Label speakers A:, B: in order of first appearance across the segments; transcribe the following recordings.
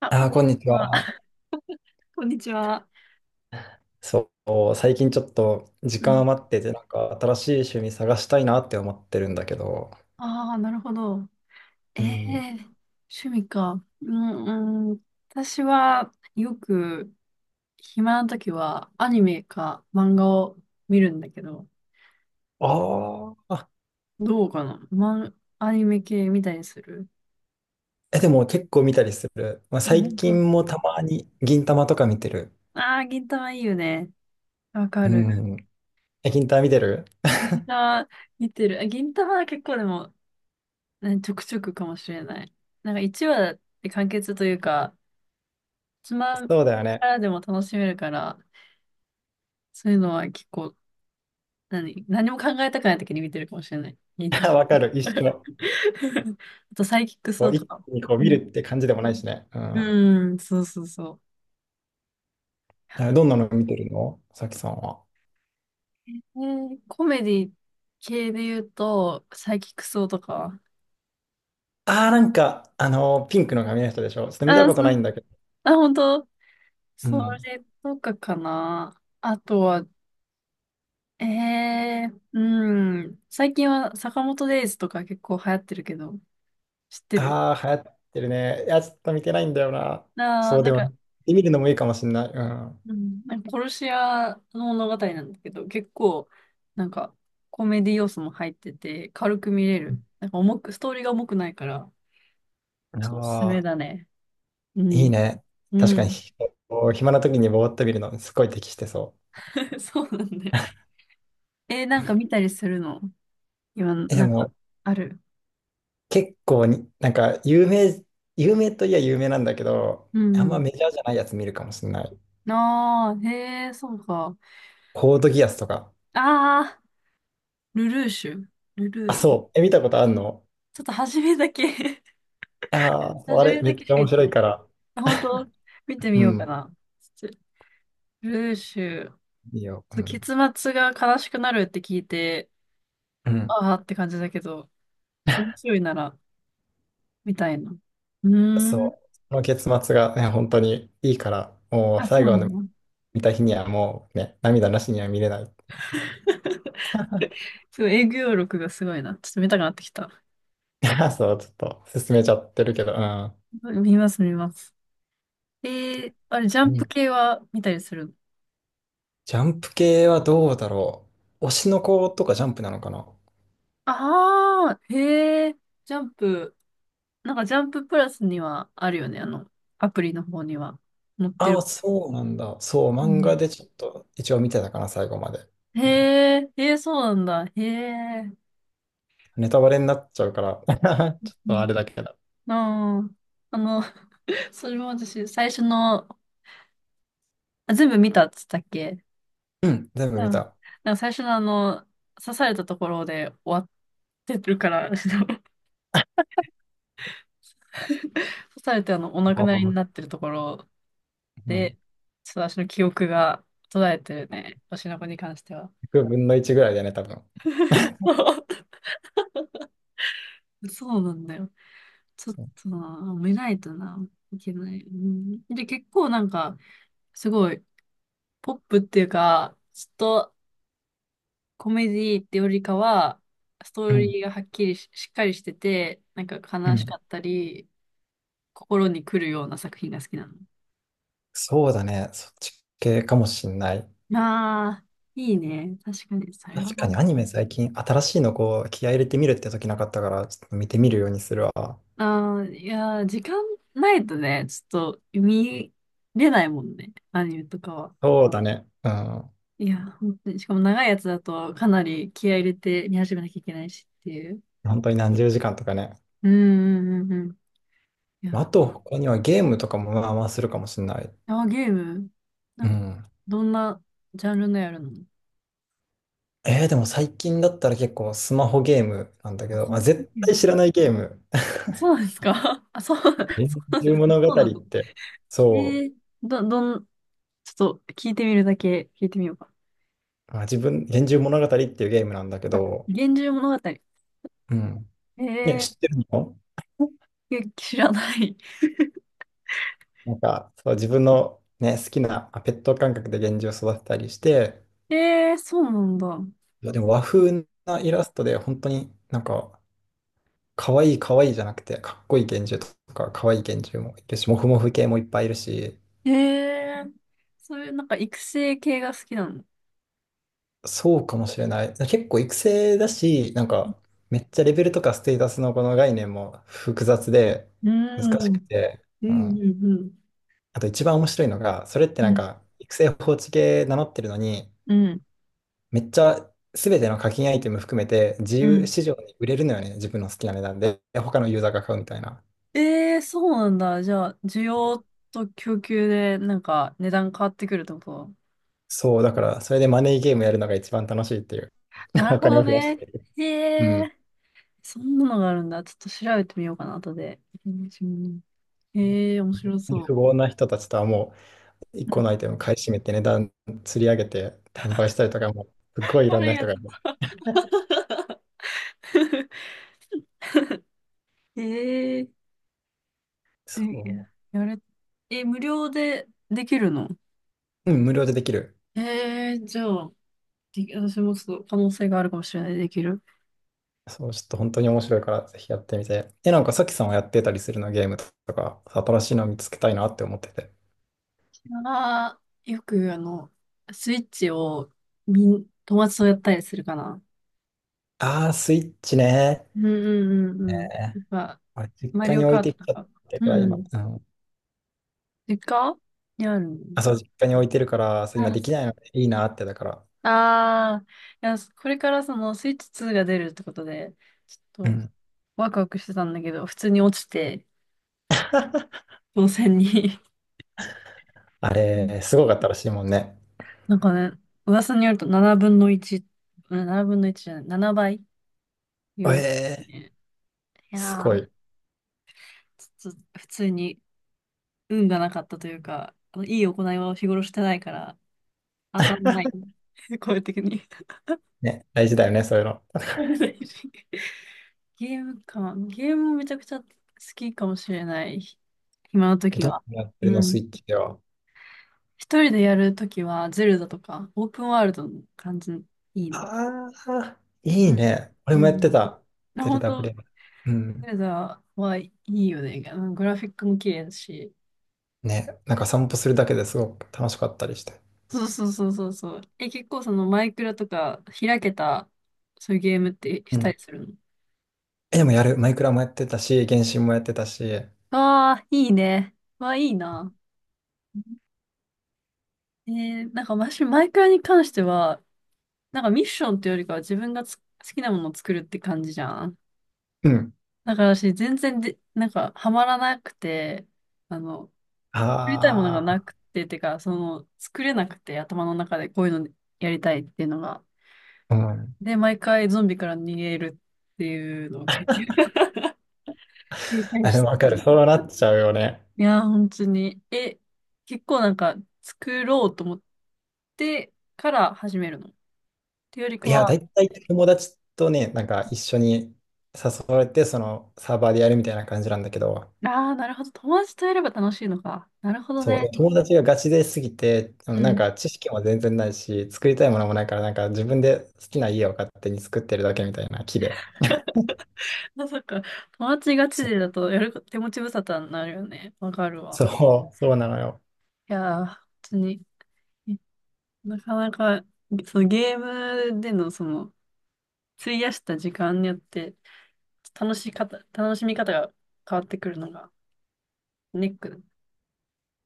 A: あ、こ
B: ああ、
A: んに
B: こ
A: ち
B: んにち
A: は。
B: は。
A: こんにちは。
B: そう、最近ちょっと時
A: う
B: 間
A: ん。
B: 余ってて、なんか新しい趣味探したいなって思ってるんだけど。
A: ああ、なるほど。え
B: うん。
A: え、趣味か。うん、うん。私はよく暇な時はアニメか漫画を見るんだけど、
B: ああ、
A: どうかな。アニメ系見たりする？
B: え、でも結構見たりする。まあ、最近もたまに銀玉とか見てる。
A: ああー、銀魂いいよね。わか
B: う
A: る。
B: ん。え、銀玉見てる？
A: 銀魂見てる。あ、銀魂は結構でも、ね、ちょくちょくかもしれない。なんか1話で完結というか、つま
B: そうだ
A: み
B: よ
A: か
B: ね。
A: らでも楽しめるから、そういうのは結構、何も考えたくない時に見てるかもしれない。銀魂。
B: わかる、一緒。
A: あとサイキックス
B: こ
A: と
B: う、一
A: かも。
B: 気にこう
A: う
B: 見るって感じでもないしね。う
A: ん、
B: ん。
A: うん、そうそうそう。
B: え、どんなの見てるの、さきさんは？
A: コメディ系で言うと、サイキックスとか。
B: ああ、なんか、ピンクの髪の人でしょ？ちょっと見た
A: あ、
B: こ
A: そ
B: とな
A: う。
B: いんだけど。
A: あ、本当。
B: う
A: そ
B: ん。
A: れとかかな。あとは、うん。最近は坂本デイズとか結構流行ってるけど、知ってる？
B: ああ、流行ってるね。いや、ちょっと見てないんだよな。
A: あ
B: そ
A: ー、
B: う
A: なん
B: でも、見
A: か、
B: てみるのもいいかもしんない。う
A: うん、なんか殺し屋の物語なんだけど、結構、なんか、コメディ要素も入ってて、軽く見れる。なんか重く、ストーリーが重くないから、
B: ん。
A: ちょっとおすす
B: あ
A: め
B: あ、
A: だね。う
B: いい
A: ん。
B: ね。
A: う
B: 確かに、
A: ん。
B: こう暇な時にぼーっと見るのすごい適してそ
A: そうなんだよ。なんか見たりするの今、
B: う。え、で
A: なんか、
B: も、
A: ある？
B: 結構に、有名、有名といえば有名なんだけど、
A: う
B: あんま
A: ん。
B: メジャーじゃないやつ見るかもしんない。
A: ああ、へえ、そうか。
B: コードギアスとか。
A: ああ、ルルーシュ。ル
B: あ、
A: ルー。
B: そう。え、見たことあんの？
A: ちょっと初めだけ。
B: ああー、そうあ
A: 初
B: れ、
A: め
B: め
A: だ
B: っ
A: け
B: ち
A: し
B: ゃ
A: か
B: 面
A: 言って
B: 白
A: な
B: い
A: い。
B: から。
A: あ、本当？見て
B: う
A: みようか
B: ん。
A: な。ちょルルーシュ。
B: いいよ。うん。
A: 結末が悲しくなるって聞いて、
B: うん。
A: ああって感じだけど、面白いなら、みたいな。うーん。
B: そう。その結末がね、本当にいいから、もう
A: あ、そ
B: 最
A: う
B: 後
A: な
B: まで
A: の。
B: 見た日にはもうね、涙なしには見れない。
A: すごい、営業力がすごいな。ちょっと見たくなってきた。
B: そう、ちょっと進めちゃってるけど、うん。ア
A: 見ます、見ます。あれ、ジャン
B: ニ
A: プ
B: メ
A: 系は見たりするの？
B: ジャンプ系はどうだろう。推しの子とかジャンプなのかな。
A: ああー、へえ、ジャンプ、なんかジャンププラスにはあるよね、アプリの方には載って
B: ああ、
A: る。
B: そうなんだ。そう、
A: う
B: 漫
A: ん。
B: 画でちょっと一応見てたかな、最後まで。
A: へ
B: うん、
A: え、へえ、そうなんだ。へえ。
B: ネタバレになっちゃうから ちょっ
A: う
B: と
A: ん。
B: あれだけど。
A: ああ、あの、それも私、最初の、あ、全部見たっつったっけ？
B: うん、全部
A: う
B: 見
A: ん。
B: た。
A: なんか最初のあの、刺されたところで終わってるから、ちょっと 刺されてあの、お亡
B: あ
A: くなりに
B: ー
A: なってるところ
B: うん、
A: で、ちょっと私の記憶が途絶えてるね。推の子に関しては。
B: 100分の1ぐらいだね、多分。
A: そうなんだよ。ちょっ
B: そう、
A: とな、見ないとな、いけない。うん、で、結構なんか、すごい、ポップっていうか、ちょっとコメディってよりかは、スト
B: う
A: ー
B: ん、
A: リーがはっきりし、しっかりしてて、なんか
B: う
A: 悲し
B: ん、
A: かったり、心に来るような作品が好きなの。
B: そうだね、そっち系かもしんない。
A: ああ、いいね。確かに、それは。
B: 確かにアニメ最近新しいのこう気合い入れてみるって時なかったからちょっと見てみるようにするわ。
A: ああ、いやー、時間ないとね、ちょっと見れないもんね。アニメとかは。
B: そうだね。うん。
A: いやー、本当に。しかも長いやつだとかなり気合い入れて見始めなきゃいけないしっていう。
B: 本当に何十時間とかね。
A: うんうんうんうん。い
B: あ
A: や
B: と他にはゲームとかもまあまあするかもしれない。
A: ー、ゲームな
B: う
A: んか、
B: ん。
A: どんなジャンルのやるの？
B: えー、でも最近だったら結構スマホゲームなんだけ
A: あ、
B: ど、
A: そう
B: ま
A: い
B: あ、
A: う
B: 絶
A: ゲーム？
B: 対知らないゲーム。
A: そうなんですか？ あ、そう、そう
B: 幻
A: なんで
B: 獣
A: すか？
B: 物語
A: そうな
B: っ
A: の？
B: て、
A: え
B: そ
A: ー、ど、どん、ちょっと聞いてみるだけ聞いてみようか。
B: う、自分、幻獣物語っていうゲームなんだけ
A: あ、
B: ど、
A: 源氏物語。
B: うん。ね、知っ
A: ー、
B: てるの？
A: え、知らない。
B: なんか、そう、自分のね、好きなペット感覚で幻獣を育てたりして、
A: そうなんだ。
B: いや、でも和風なイラストで、本当に可愛い可愛いじゃなくて、かっこいい幻獣とか、可愛い幻獣もいるし、モフモフ系もいっぱいいるし、
A: えー、そういうなんか育成系が好きなの？
B: そうかもしれない。結構育成だし、めっちゃレベルとかステータスのこの概念も複雑で、
A: うー
B: 難
A: ん、う
B: しく
A: ん、
B: て、
A: う
B: うん。
A: ん、うん、
B: あと一番面白いのが、それって
A: う
B: なん
A: ん、
B: か、育成放置系名乗ってるのに、
A: うん。
B: めっちゃ、すべての課金アイテム含めて自由市場に売れるのよね、自分の好きな値段で、他のユーザーが買うみたいな。
A: そうなんだ。じゃあ、需要と供給でなんか値段変わってくるってこと？
B: そう、だから、それでマネーゲームやるのが一番楽しいっていう。
A: なる
B: お
A: ほ
B: 金
A: ど
B: を増やし
A: ね。
B: てる。う
A: へ
B: ん。
A: え。そんなのがあるんだ。ちょっと調べてみようかな、後で。うん。へえー、面白
B: 富
A: そ
B: 豪な人たちとはもう、一
A: う。う
B: 個の
A: ん。
B: アイテム買い占めて値段釣り上げて転売したりとかも、すっごいいろん
A: 悪い
B: な
A: や
B: 人
A: つ。
B: がいる。
A: へえー、で、
B: そ
A: やれ、え、無料でできるの？
B: う。うん、無料でできる。
A: へえー、じゃあ、で私もちょっと可能性があるかもしれない、できる。
B: そう、ちょっと本当に面白いから、ぜひやってみて。え、なんかさきさんはやってたりするの、ゲームとか？新しいの見つけたいなって思ってて。
A: ああ、よくあの、スイッチを友達とやったりするかな。
B: あー、スイッチね。
A: うんうんうんうん。やっぱ、
B: 俺、実
A: マ
B: 家
A: リ
B: に
A: オ
B: 置い
A: カー
B: て
A: ト
B: き
A: と
B: ちゃっ
A: か。
B: たから、
A: う
B: 今。
A: ん。
B: うん。
A: 実家にあるの？
B: あ、そう、実家に置いてるから、そう今
A: あ
B: できないのでいいなって、だから。
A: ああ、いや、これからそのスイッチ2が出るってことで、ち
B: う
A: ょっと
B: ん。
A: ワクワクしてたんだけど、普通に落ちて、当選に。
B: あ
A: うん。
B: れ、すごかったらしいもんね。
A: なんかね、噂によると7分の1、うん7分の1じゃない、7倍いいう。
B: ええ、
A: ね。い
B: す
A: や
B: ご
A: ー、
B: い。
A: ちょっと普通に運がなかったというか、あのいい行いを日頃してないから、当たんない。声的に。
B: ね、大事だよね、そういうの。
A: これ大事。ゲームか。ゲームもめちゃくちゃ好きかもしれない。暇の
B: え、
A: 時
B: ど
A: は。
B: うやってる
A: う
B: の、スイ
A: ん。
B: ッチでは？
A: 一人でやるときは、ゼルダとか、オープンワールドの感じ、いいな。
B: ああ、い
A: う
B: い
A: ん。
B: ね。俺も
A: う
B: やって
A: ん
B: た。
A: な。
B: デル
A: 本当、
B: WM。う
A: ゼ
B: ん。
A: ルダはいいよね。あのグラフィックも綺麗だし。
B: ね、なんか散歩するだけですごく楽しかったりして。
A: そうそうそうそうそう。え、結構そのマイクラとか開けた、そういうゲームってし
B: う
A: た
B: ん。
A: りするの？
B: え、でもやる。マイクラもやってたし、原神もやってたし。
A: ああ、いいね。わ、いいな。なんか私、マイクラに関しては、なんかミッションっていうよりかは自分が好きなものを作るって感じじゃん。
B: うん。
A: だから私、全然で、なんか、ハマらなくて、あの、作りたいものがな
B: あ
A: くて、てか、作れなくて、頭の中でこういうのやりたいっていうのが。
B: あ、うん。
A: で、毎回ゾンビから逃げるっていうのを 繰り返
B: あ、
A: し
B: で
A: て
B: もわか
A: た
B: る。
A: ね。
B: そうなっちゃうよね。
A: いやー、本当に。え、結構なんか、作ろうと思ってから始めるの。っていうよりか
B: いや、
A: は、
B: だいたい友達とね、なんか一緒に誘われて、そのサーバーでやるみたいな感じなんだけど、
A: ああ、なるほど。友達とやれば楽しいのか。なるほど
B: そう、
A: ね。
B: 友達がガチですぎて、
A: う
B: なん
A: ん。
B: か知識も全然ないし、作りたいものもないから、なんか自分で好きな家を勝手に作ってるだけみたいな木で。
A: まさか、友達がチ
B: そう、
A: でだとやる手持ち無沙汰になるよね。わかる
B: そ
A: わ。
B: う、そうなのよ。
A: いやー、本当に。なかなか、そのゲームでのその、費やした時間によって、楽しみ方が変わってくるのがネック。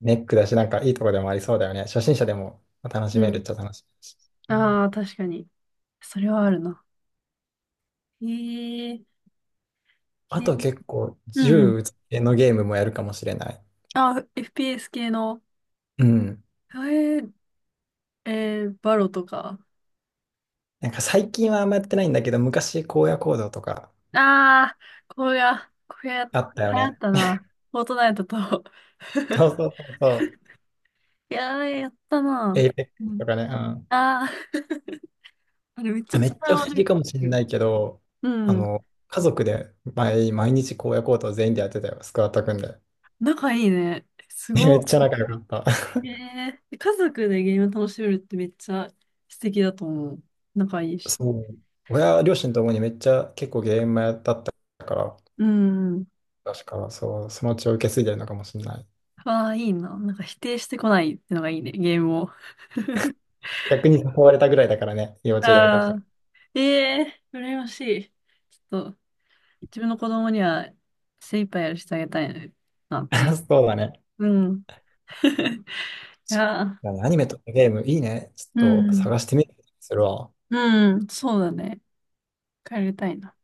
B: ネックだし、なんかいいとこでもありそうだよね。初心者でも楽し
A: う
B: める
A: ん。
B: っちゃ楽しいし。うん、
A: ああ、確かに。それはあるな。へえ、
B: あ
A: け
B: と結構、
A: うんうん。
B: 銃のゲームもやるかもしれない。
A: あ、FPS 系の、
B: うん。
A: えー、バロとか。
B: なんか最近はあんまやってないんだけど、昔荒野行動とか
A: ああ、これが流
B: あったよ
A: 行っ
B: ね。
A: たな。フォートナイトと。
B: そ うそうそうそう。
A: いやー、やったな。
B: エイペック
A: う
B: ス
A: ん、
B: とかね。うん、
A: ああ、あれめっちゃ
B: めっ
A: 力
B: ちゃ不思
A: 悪
B: 議かもしれ
A: い。
B: ないけど、
A: うん。
B: 家族で毎日荒野行動全員でやってたよ、スクワット組んで。
A: 仲いいね。す
B: めっ
A: ご
B: ちゃ仲良かった。
A: い。家族でゲーム楽しめるってめっちゃ素敵だと思う。仲いい し。
B: そう。親、両親ともにめっちゃ結構ゲームやだったから、
A: うん。
B: 確か、そう、その血を受け継いでるのかもしれない。
A: ああ、いいな。なんか否定してこないってのがいいね、ゲームを。
B: 逆に誘われたぐらいだからね、幼稚園の時と
A: あ
B: か。
A: あ、ええー、羨ましい。ちょっと、自分の子供には精一杯やらせてあげたいなって思
B: そうだね。
A: う。うん。いやー、
B: いやアニメとかゲームいいね。ち
A: うん
B: ょっと
A: うん。
B: 探してみるするわ。
A: うんうん、そうだね。帰りたいな。